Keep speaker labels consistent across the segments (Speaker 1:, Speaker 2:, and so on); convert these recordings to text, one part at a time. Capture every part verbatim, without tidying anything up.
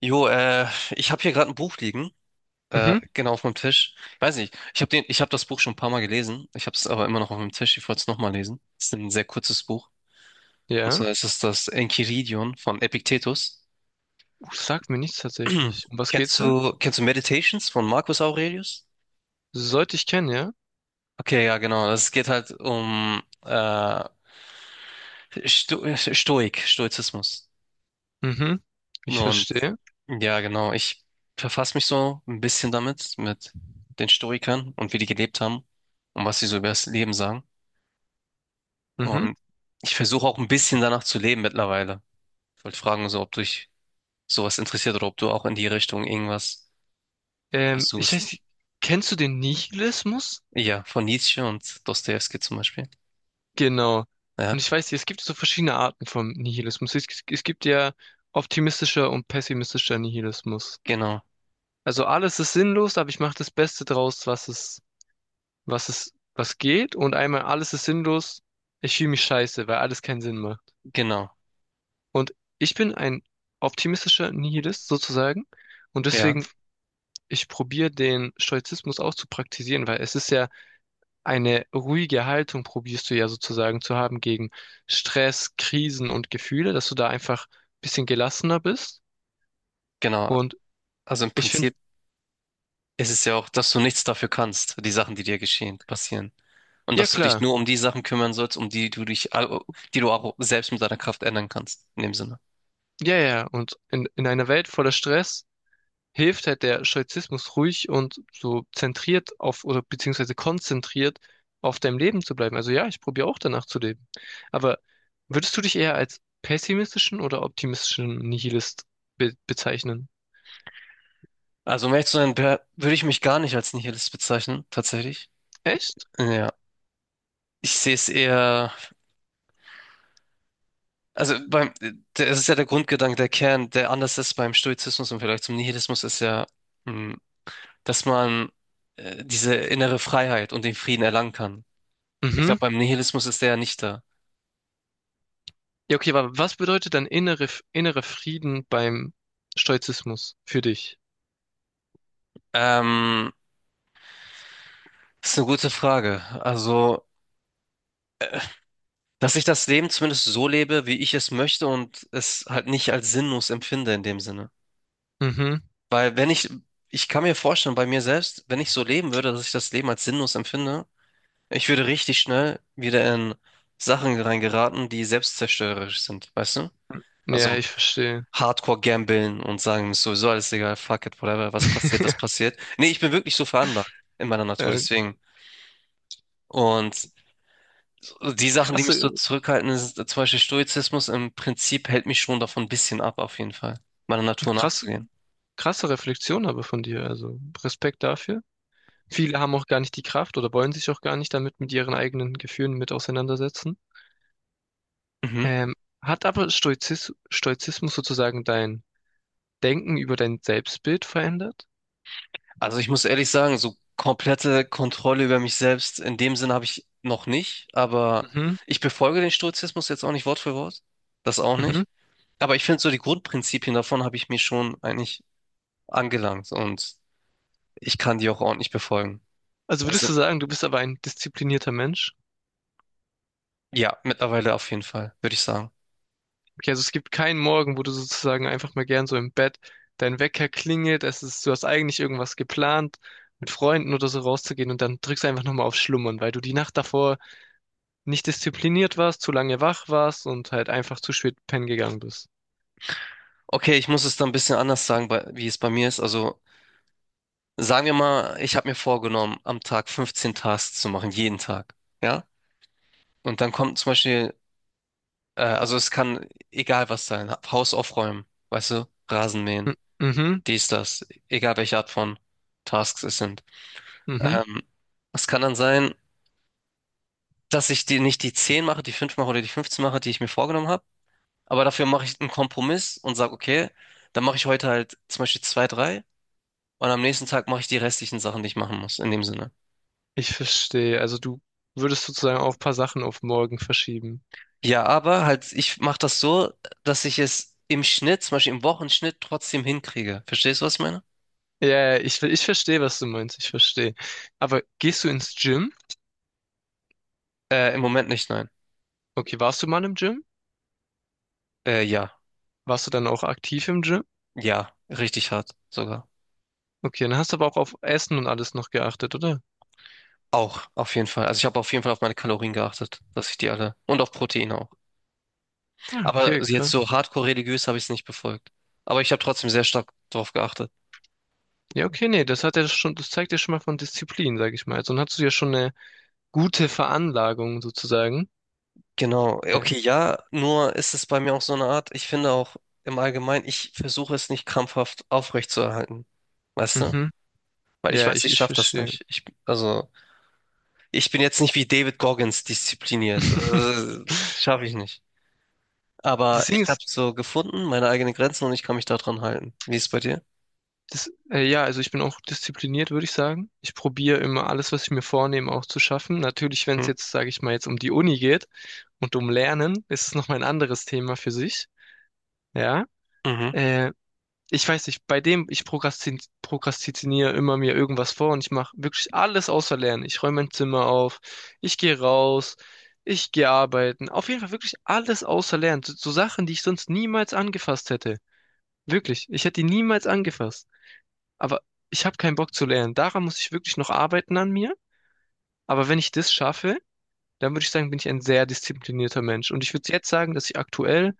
Speaker 1: Jo, äh, ich habe hier gerade ein Buch liegen, äh,
Speaker 2: Mhm.
Speaker 1: genau auf meinem Tisch. Ich weiß nicht, ich habe den, ich habe das Buch schon ein paar Mal gelesen. Ich habe es aber immer noch auf meinem Tisch. Ich wollte es nochmal lesen. Es ist ein sehr kurzes Buch. Und
Speaker 2: Ja.
Speaker 1: zwar ist es das Enchiridion von Epiktetus.
Speaker 2: Uh, sagt mir nichts tatsächlich. Um was
Speaker 1: Kennst
Speaker 2: geht's da?
Speaker 1: du, kennst du Meditations von Marcus Aurelius?
Speaker 2: Sollte ich kennen, ja?
Speaker 1: Okay, ja, genau. Es geht halt um äh, Sto Stoik, Stoizismus.
Speaker 2: Mhm. Ich
Speaker 1: Und
Speaker 2: verstehe.
Speaker 1: ja, genau, ich verfasse mich so ein bisschen damit, mit den Stoikern und wie die gelebt haben und was sie so über das Leben sagen.
Speaker 2: Mhm.
Speaker 1: Und ich versuche auch ein bisschen danach zu leben mittlerweile. Ich wollte fragen, so, ob dich sowas interessiert oder ob du auch in die Richtung irgendwas
Speaker 2: Ähm, ich
Speaker 1: versuchst.
Speaker 2: weiß, kennst du den Nihilismus?
Speaker 1: Ja, von Nietzsche und Dostojewski zum Beispiel.
Speaker 2: Genau. Und
Speaker 1: Ja,
Speaker 2: ich weiß, es gibt so verschiedene Arten vom Nihilismus. Es, es gibt ja optimistischer und pessimistischer Nihilismus.
Speaker 1: genau,
Speaker 2: Also alles ist sinnlos, aber ich mache das Beste draus, was es, was es, was geht. Und einmal alles ist sinnlos, ich fühle mich scheiße, weil alles keinen Sinn macht.
Speaker 1: genau,
Speaker 2: Und ich bin ein optimistischer Nihilist sozusagen. Und
Speaker 1: ja,
Speaker 2: deswegen, ich probiere den Stoizismus auch zu praktizieren, weil es ist ja eine ruhige Haltung, probierst du ja sozusagen zu haben gegen Stress, Krisen und Gefühle, dass du da einfach ein bisschen gelassener bist.
Speaker 1: genau.
Speaker 2: Und
Speaker 1: Also im
Speaker 2: ich finde,
Speaker 1: Prinzip. Es ist ja auch, dass du nichts dafür kannst, die Sachen, die dir geschehen, passieren. Und
Speaker 2: ja
Speaker 1: dass du dich
Speaker 2: klar,
Speaker 1: nur um die Sachen kümmern sollst, um die du dich, au- die du auch selbst mit deiner Kraft ändern kannst, in dem Sinne.
Speaker 2: ja, ja. Und in, in einer Welt voller Stress hilft halt der Stoizismus ruhig und so zentriert auf oder beziehungsweise konzentriert auf deinem Leben zu bleiben. Also ja, ich probiere auch danach zu leben. Aber würdest du dich eher als pessimistischen oder optimistischen Nihilist be bezeichnen?
Speaker 1: Also, um ehrlich zu sein, wär- würde ich mich gar nicht als Nihilist bezeichnen, tatsächlich.
Speaker 2: Echt?
Speaker 1: Ja. Ich sehe es eher, also beim, der- es ist ja der Grundgedanke, der Kern, der anders ist beim Stoizismus und vielleicht zum Nihilismus, ist ja, mh, dass man äh, diese innere Freiheit und den Frieden erlangen kann. Ich
Speaker 2: Mhm.
Speaker 1: glaube, beim Nihilismus ist der ja nicht da.
Speaker 2: Ja, okay, aber was bedeutet dann innere, innere Frieden beim Stoizismus für dich?
Speaker 1: Ähm, Das ist eine gute Frage. Also, dass ich das Leben zumindest so lebe, wie ich es möchte und es halt nicht als sinnlos empfinde in dem Sinne.
Speaker 2: Mhm.
Speaker 1: Weil wenn ich, ich kann mir vorstellen, bei mir selbst, wenn ich so leben würde, dass ich das Leben als sinnlos empfinde, ich würde richtig schnell wieder in Sachen reingeraten, die selbstzerstörerisch sind, weißt du?
Speaker 2: Ja,
Speaker 1: Also
Speaker 2: ich verstehe.
Speaker 1: Hardcore gambeln und sagen, ist sowieso alles egal, fuck it, whatever, was passiert, das passiert. Nee, ich bin wirklich so veranlagt in meiner Natur,
Speaker 2: Äh,
Speaker 1: deswegen. Und die Sachen, die mich so
Speaker 2: Krasse,
Speaker 1: zurückhalten, ist zum Beispiel Stoizismus im Prinzip hält mich schon davon ein bisschen ab, auf jeden Fall, meiner Natur
Speaker 2: krass,
Speaker 1: nachzugehen.
Speaker 2: krasse Reflexion aber von dir. Also Respekt dafür. Viele haben auch gar nicht die Kraft oder wollen sich auch gar nicht damit mit ihren eigenen Gefühlen mit auseinandersetzen.
Speaker 1: Mhm.
Speaker 2: Ähm, Hat aber Stoizis Stoizismus sozusagen dein Denken über dein Selbstbild verändert?
Speaker 1: Also ich muss ehrlich sagen, so komplette Kontrolle über mich selbst, in dem Sinne habe ich noch nicht, aber
Speaker 2: Mhm,
Speaker 1: ich befolge den Stoizismus jetzt auch nicht Wort für Wort. Das auch
Speaker 2: mhm.
Speaker 1: nicht. Aber ich finde so die Grundprinzipien davon habe ich mir schon eigentlich angelangt und ich kann die auch ordentlich befolgen.
Speaker 2: Also würdest
Speaker 1: Also
Speaker 2: du sagen, du bist aber ein disziplinierter Mensch?
Speaker 1: ja, mittlerweile auf jeden Fall, würde ich sagen.
Speaker 2: Okay, also es gibt keinen Morgen, wo du sozusagen einfach mal gern so im Bett dein Wecker klingelt, es ist, du hast eigentlich irgendwas geplant, mit Freunden oder so rauszugehen und dann drückst du einfach nochmal auf Schlummern, weil du die Nacht davor nicht diszipliniert warst, zu lange wach warst und halt einfach zu spät pennen gegangen bist.
Speaker 1: Okay, ich muss es dann ein bisschen anders sagen, bei- wie es bei mir ist. Also sagen wir mal, ich habe mir vorgenommen, am Tag fünfzehn Tasks zu machen, jeden Tag. Ja? Und dann kommt zum Beispiel, äh, also es kann egal was sein, Haus aufräumen, weißt du, Rasen mähen,
Speaker 2: M- Mhm,
Speaker 1: dies, das, egal welche Art von Tasks es sind.
Speaker 2: mhm.
Speaker 1: Ähm, es kann dann sein, dass ich die nicht die zehn mache, die fünf mache oder die fünfzehn mache, die ich mir vorgenommen habe, aber dafür mache ich einen Kompromiss und sage, okay, dann mache ich heute halt zum Beispiel zwei, drei und am nächsten Tag mache ich die restlichen Sachen, die ich machen muss, in dem Sinne.
Speaker 2: Ich verstehe. Also du würdest sozusagen auch ein paar Sachen auf morgen verschieben.
Speaker 1: Ja, aber halt, ich mache das so, dass ich es im Schnitt, zum Beispiel im Wochenschnitt, trotzdem hinkriege. Verstehst du, was ich meine?
Speaker 2: Ja, ja, ich, ver- ich verstehe, was du meinst. Ich verstehe. Aber gehst du ins Gym?
Speaker 1: Äh, im Moment nicht, nein.
Speaker 2: Okay, warst du mal im Gym?
Speaker 1: Äh, ja,
Speaker 2: Warst du dann auch aktiv im Gym?
Speaker 1: ja, richtig hart sogar.
Speaker 2: Okay, dann hast du aber auch auf Essen und alles noch geachtet, oder?
Speaker 1: Auch, auf jeden Fall. Also ich habe auf jeden Fall auf meine Kalorien geachtet, dass ich die alle und auf Proteine auch.
Speaker 2: Ja,
Speaker 1: Aber
Speaker 2: okay,
Speaker 1: jetzt so
Speaker 2: krass.
Speaker 1: hardcore religiös habe ich es nicht befolgt. Aber ich habe trotzdem sehr stark darauf geachtet.
Speaker 2: Ja, okay, nee, das hat ja schon, das zeigt ja schon mal von Disziplin, sag ich mal. Also, dann hast du ja schon eine gute Veranlagung sozusagen.
Speaker 1: Genau.
Speaker 2: Ja,
Speaker 1: Okay, ja, nur ist es bei mir auch so eine Art, ich finde auch im Allgemeinen, ich versuche es nicht krampfhaft aufrechtzuerhalten. Weißt du?
Speaker 2: mhm.
Speaker 1: Weil ich
Speaker 2: Ja,
Speaker 1: weiß,
Speaker 2: ich,
Speaker 1: ich
Speaker 2: ich
Speaker 1: schaffe das
Speaker 2: verstehe.
Speaker 1: nicht. Ich, also, ich bin jetzt nicht wie David Goggins diszipliniert. Also, schaffe ich nicht. Aber
Speaker 2: Das Ding
Speaker 1: ich
Speaker 2: ist,
Speaker 1: habe so gefunden, meine eigenen Grenzen und ich kann mich daran halten. Wie ist es bei dir?
Speaker 2: das, äh, ja, also ich bin auch diszipliniert, würde ich sagen. Ich probiere immer alles, was ich mir vornehme, auch zu schaffen. Natürlich, wenn es
Speaker 1: Hm?
Speaker 2: jetzt, sage ich mal, jetzt um die Uni geht und um Lernen, ist es nochmal ein anderes Thema für sich. Ja,
Speaker 1: Mhm.
Speaker 2: äh, ich weiß nicht, bei dem, ich prokrastin prokrastiniere immer mir irgendwas vor und ich mache wirklich alles außer Lernen. Ich räume mein Zimmer auf, ich gehe raus, ich gehe arbeiten. Auf jeden Fall wirklich alles außer Lernen. So, so Sachen, die ich sonst niemals angefasst hätte. Wirklich, ich hätte die niemals angefasst. Aber ich habe keinen Bock zu lernen. Daran muss ich wirklich noch arbeiten an mir. Aber wenn ich das schaffe, dann würde ich sagen, bin ich ein sehr disziplinierter Mensch. Und ich würde jetzt sagen, dass ich aktuell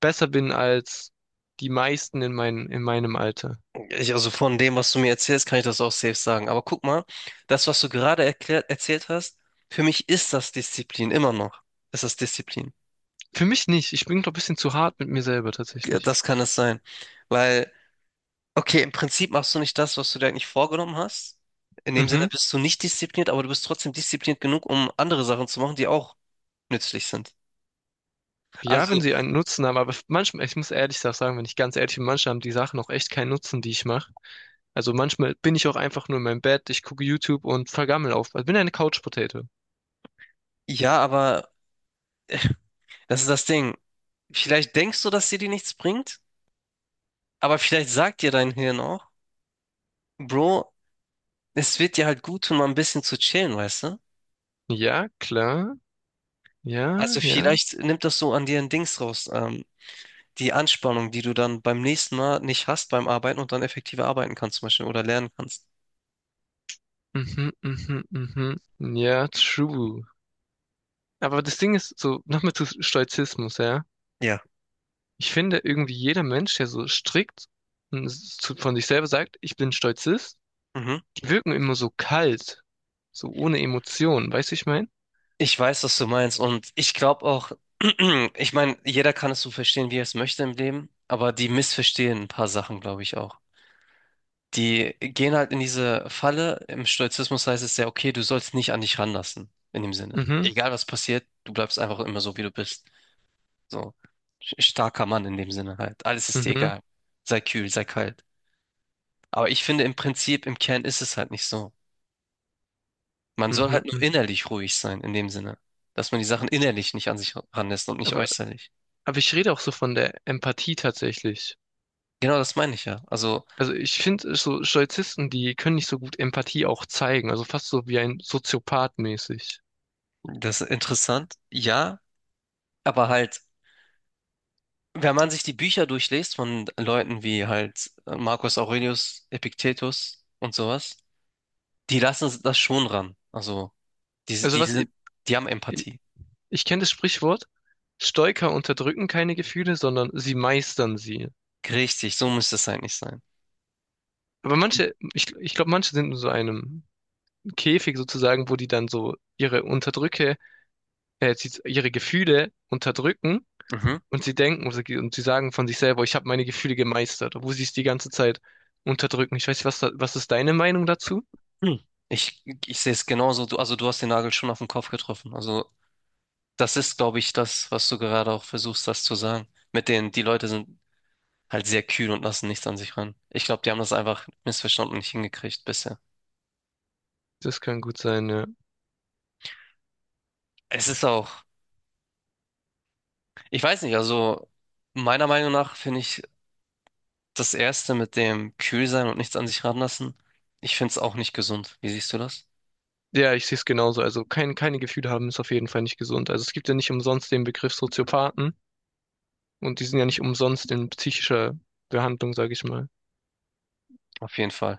Speaker 2: besser bin als die meisten in mein, in meinem Alter.
Speaker 1: Ich, also von dem, was du mir erzählst, kann ich das auch safe sagen. Aber guck mal, das, was du gerade erklärt, erzählt hast, für mich ist das Disziplin immer noch. Ist das Disziplin?
Speaker 2: Für mich nicht. Ich bin doch ein bisschen zu hart mit mir selber
Speaker 1: Ja,
Speaker 2: tatsächlich.
Speaker 1: das kann es sein. Weil okay, im Prinzip machst du nicht das, was du dir eigentlich vorgenommen hast. In dem Sinne
Speaker 2: Mhm.
Speaker 1: bist du nicht diszipliniert, aber du bist trotzdem diszipliniert genug, um andere Sachen zu machen, die auch nützlich sind.
Speaker 2: Ja,
Speaker 1: Also,
Speaker 2: wenn sie einen Nutzen haben, aber manchmal, ich muss ehrlich sagen, wenn ich ganz ehrlich bin, manchmal haben die Sachen auch echt keinen Nutzen, die ich mache. Also manchmal bin ich auch einfach nur in meinem Bett, ich gucke YouTube und vergammel auf. Also bin eine Couch-Potato.
Speaker 1: ja, aber das ist das Ding. Vielleicht denkst du, dass dir die nichts bringt, aber vielleicht sagt dir dein Hirn auch, Bro, es wird dir halt gut tun, mal ein bisschen zu chillen, weißt du?
Speaker 2: Ja, klar. Ja,
Speaker 1: Also
Speaker 2: ja.
Speaker 1: vielleicht nimmt das so an dir ein Dings raus, ähm, die Anspannung, die du dann beim nächsten Mal nicht hast beim Arbeiten und dann effektiver arbeiten kannst zum Beispiel oder lernen kannst.
Speaker 2: Mhm, mhm, mhm. Ja, true. Aber das Ding ist so, nochmal zu Stoizismus, ja.
Speaker 1: Ja.
Speaker 2: Ich finde irgendwie jeder Mensch, der so strikt und s- zu- von sich selber sagt, ich bin Stoizist,
Speaker 1: Mhm.
Speaker 2: die wirken immer so kalt, so ohne Emotionen, weißt du, ich mein?
Speaker 1: Ich weiß, was du meinst und ich glaube auch, ich meine, jeder kann es so verstehen, wie er es möchte im Leben, aber die missverstehen ein paar Sachen, glaube ich auch. Die gehen halt in diese Falle. Im Stoizismus heißt es ja, okay, du sollst nicht an dich ranlassen, in dem Sinne.
Speaker 2: Mhm,
Speaker 1: Egal was passiert, du bleibst einfach immer so, wie du bist. So sch- starker Mann in dem Sinne halt. Alles ist dir
Speaker 2: mhm,
Speaker 1: egal. Sei kühl, sei kalt. Aber ich finde im Prinzip, im Kern ist es halt nicht so. Man soll
Speaker 2: mhm,
Speaker 1: halt nur
Speaker 2: mhm.
Speaker 1: innerlich ruhig sein, in dem Sinne, dass man die Sachen innerlich nicht an sich ranlässt und nicht
Speaker 2: Aber,
Speaker 1: äußerlich.
Speaker 2: aber ich rede auch so von der Empathie tatsächlich.
Speaker 1: Genau, das meine ich ja. Also,
Speaker 2: Also ich finde so Stoizisten, die können nicht so gut Empathie auch zeigen, also fast so wie ein Soziopath mäßig.
Speaker 1: das ist interessant, ja, aber halt, wenn man sich die Bücher durchliest von Leuten wie halt äh, Marcus Aurelius, Epiktetus und sowas, die lassen das schon ran. Also, die,
Speaker 2: Also
Speaker 1: die
Speaker 2: was,
Speaker 1: sind, die haben Empathie.
Speaker 2: ich kenne das Sprichwort, Stoiker unterdrücken keine Gefühle, sondern sie meistern sie.
Speaker 1: Richtig, so müsste es eigentlich sein.
Speaker 2: Aber
Speaker 1: Und,
Speaker 2: manche, ich, ich glaube, manche sind in so einem Käfig sozusagen, wo die dann so ihre Unterdrücke, äh, sie- ihre Gefühle unterdrücken
Speaker 1: mhm.
Speaker 2: und sie denken und sie, und sie sagen von sich selber, ich habe meine Gefühle gemeistert, obwohl sie es die ganze Zeit unterdrücken. Ich weiß nicht, was, da, was ist deine Meinung dazu?
Speaker 1: Hm. Ich, ich sehe es genauso. Du, also, du hast den Nagel schon auf den Kopf getroffen. Also, das ist, glaube ich, das, was du gerade auch versuchst, das zu sagen. Mit denen, die Leute sind halt sehr kühl und lassen nichts an sich ran. Ich glaube, die haben das einfach missverstanden und nicht hingekriegt bisher.
Speaker 2: Das kann gut sein, ja.
Speaker 1: Es ist auch, ich weiß nicht, also meiner Meinung nach finde ich das Erste mit dem kühl sein und nichts an sich ranlassen, ich finde es auch nicht gesund. Wie siehst du das?
Speaker 2: Ja, ich sehe es genauso. Also kein, keine Gefühle haben ist auf jeden Fall nicht gesund. Also es gibt ja nicht umsonst den Begriff Soziopathen. Und die sind ja nicht umsonst in psychischer Behandlung, sage ich mal.
Speaker 1: Auf jeden Fall.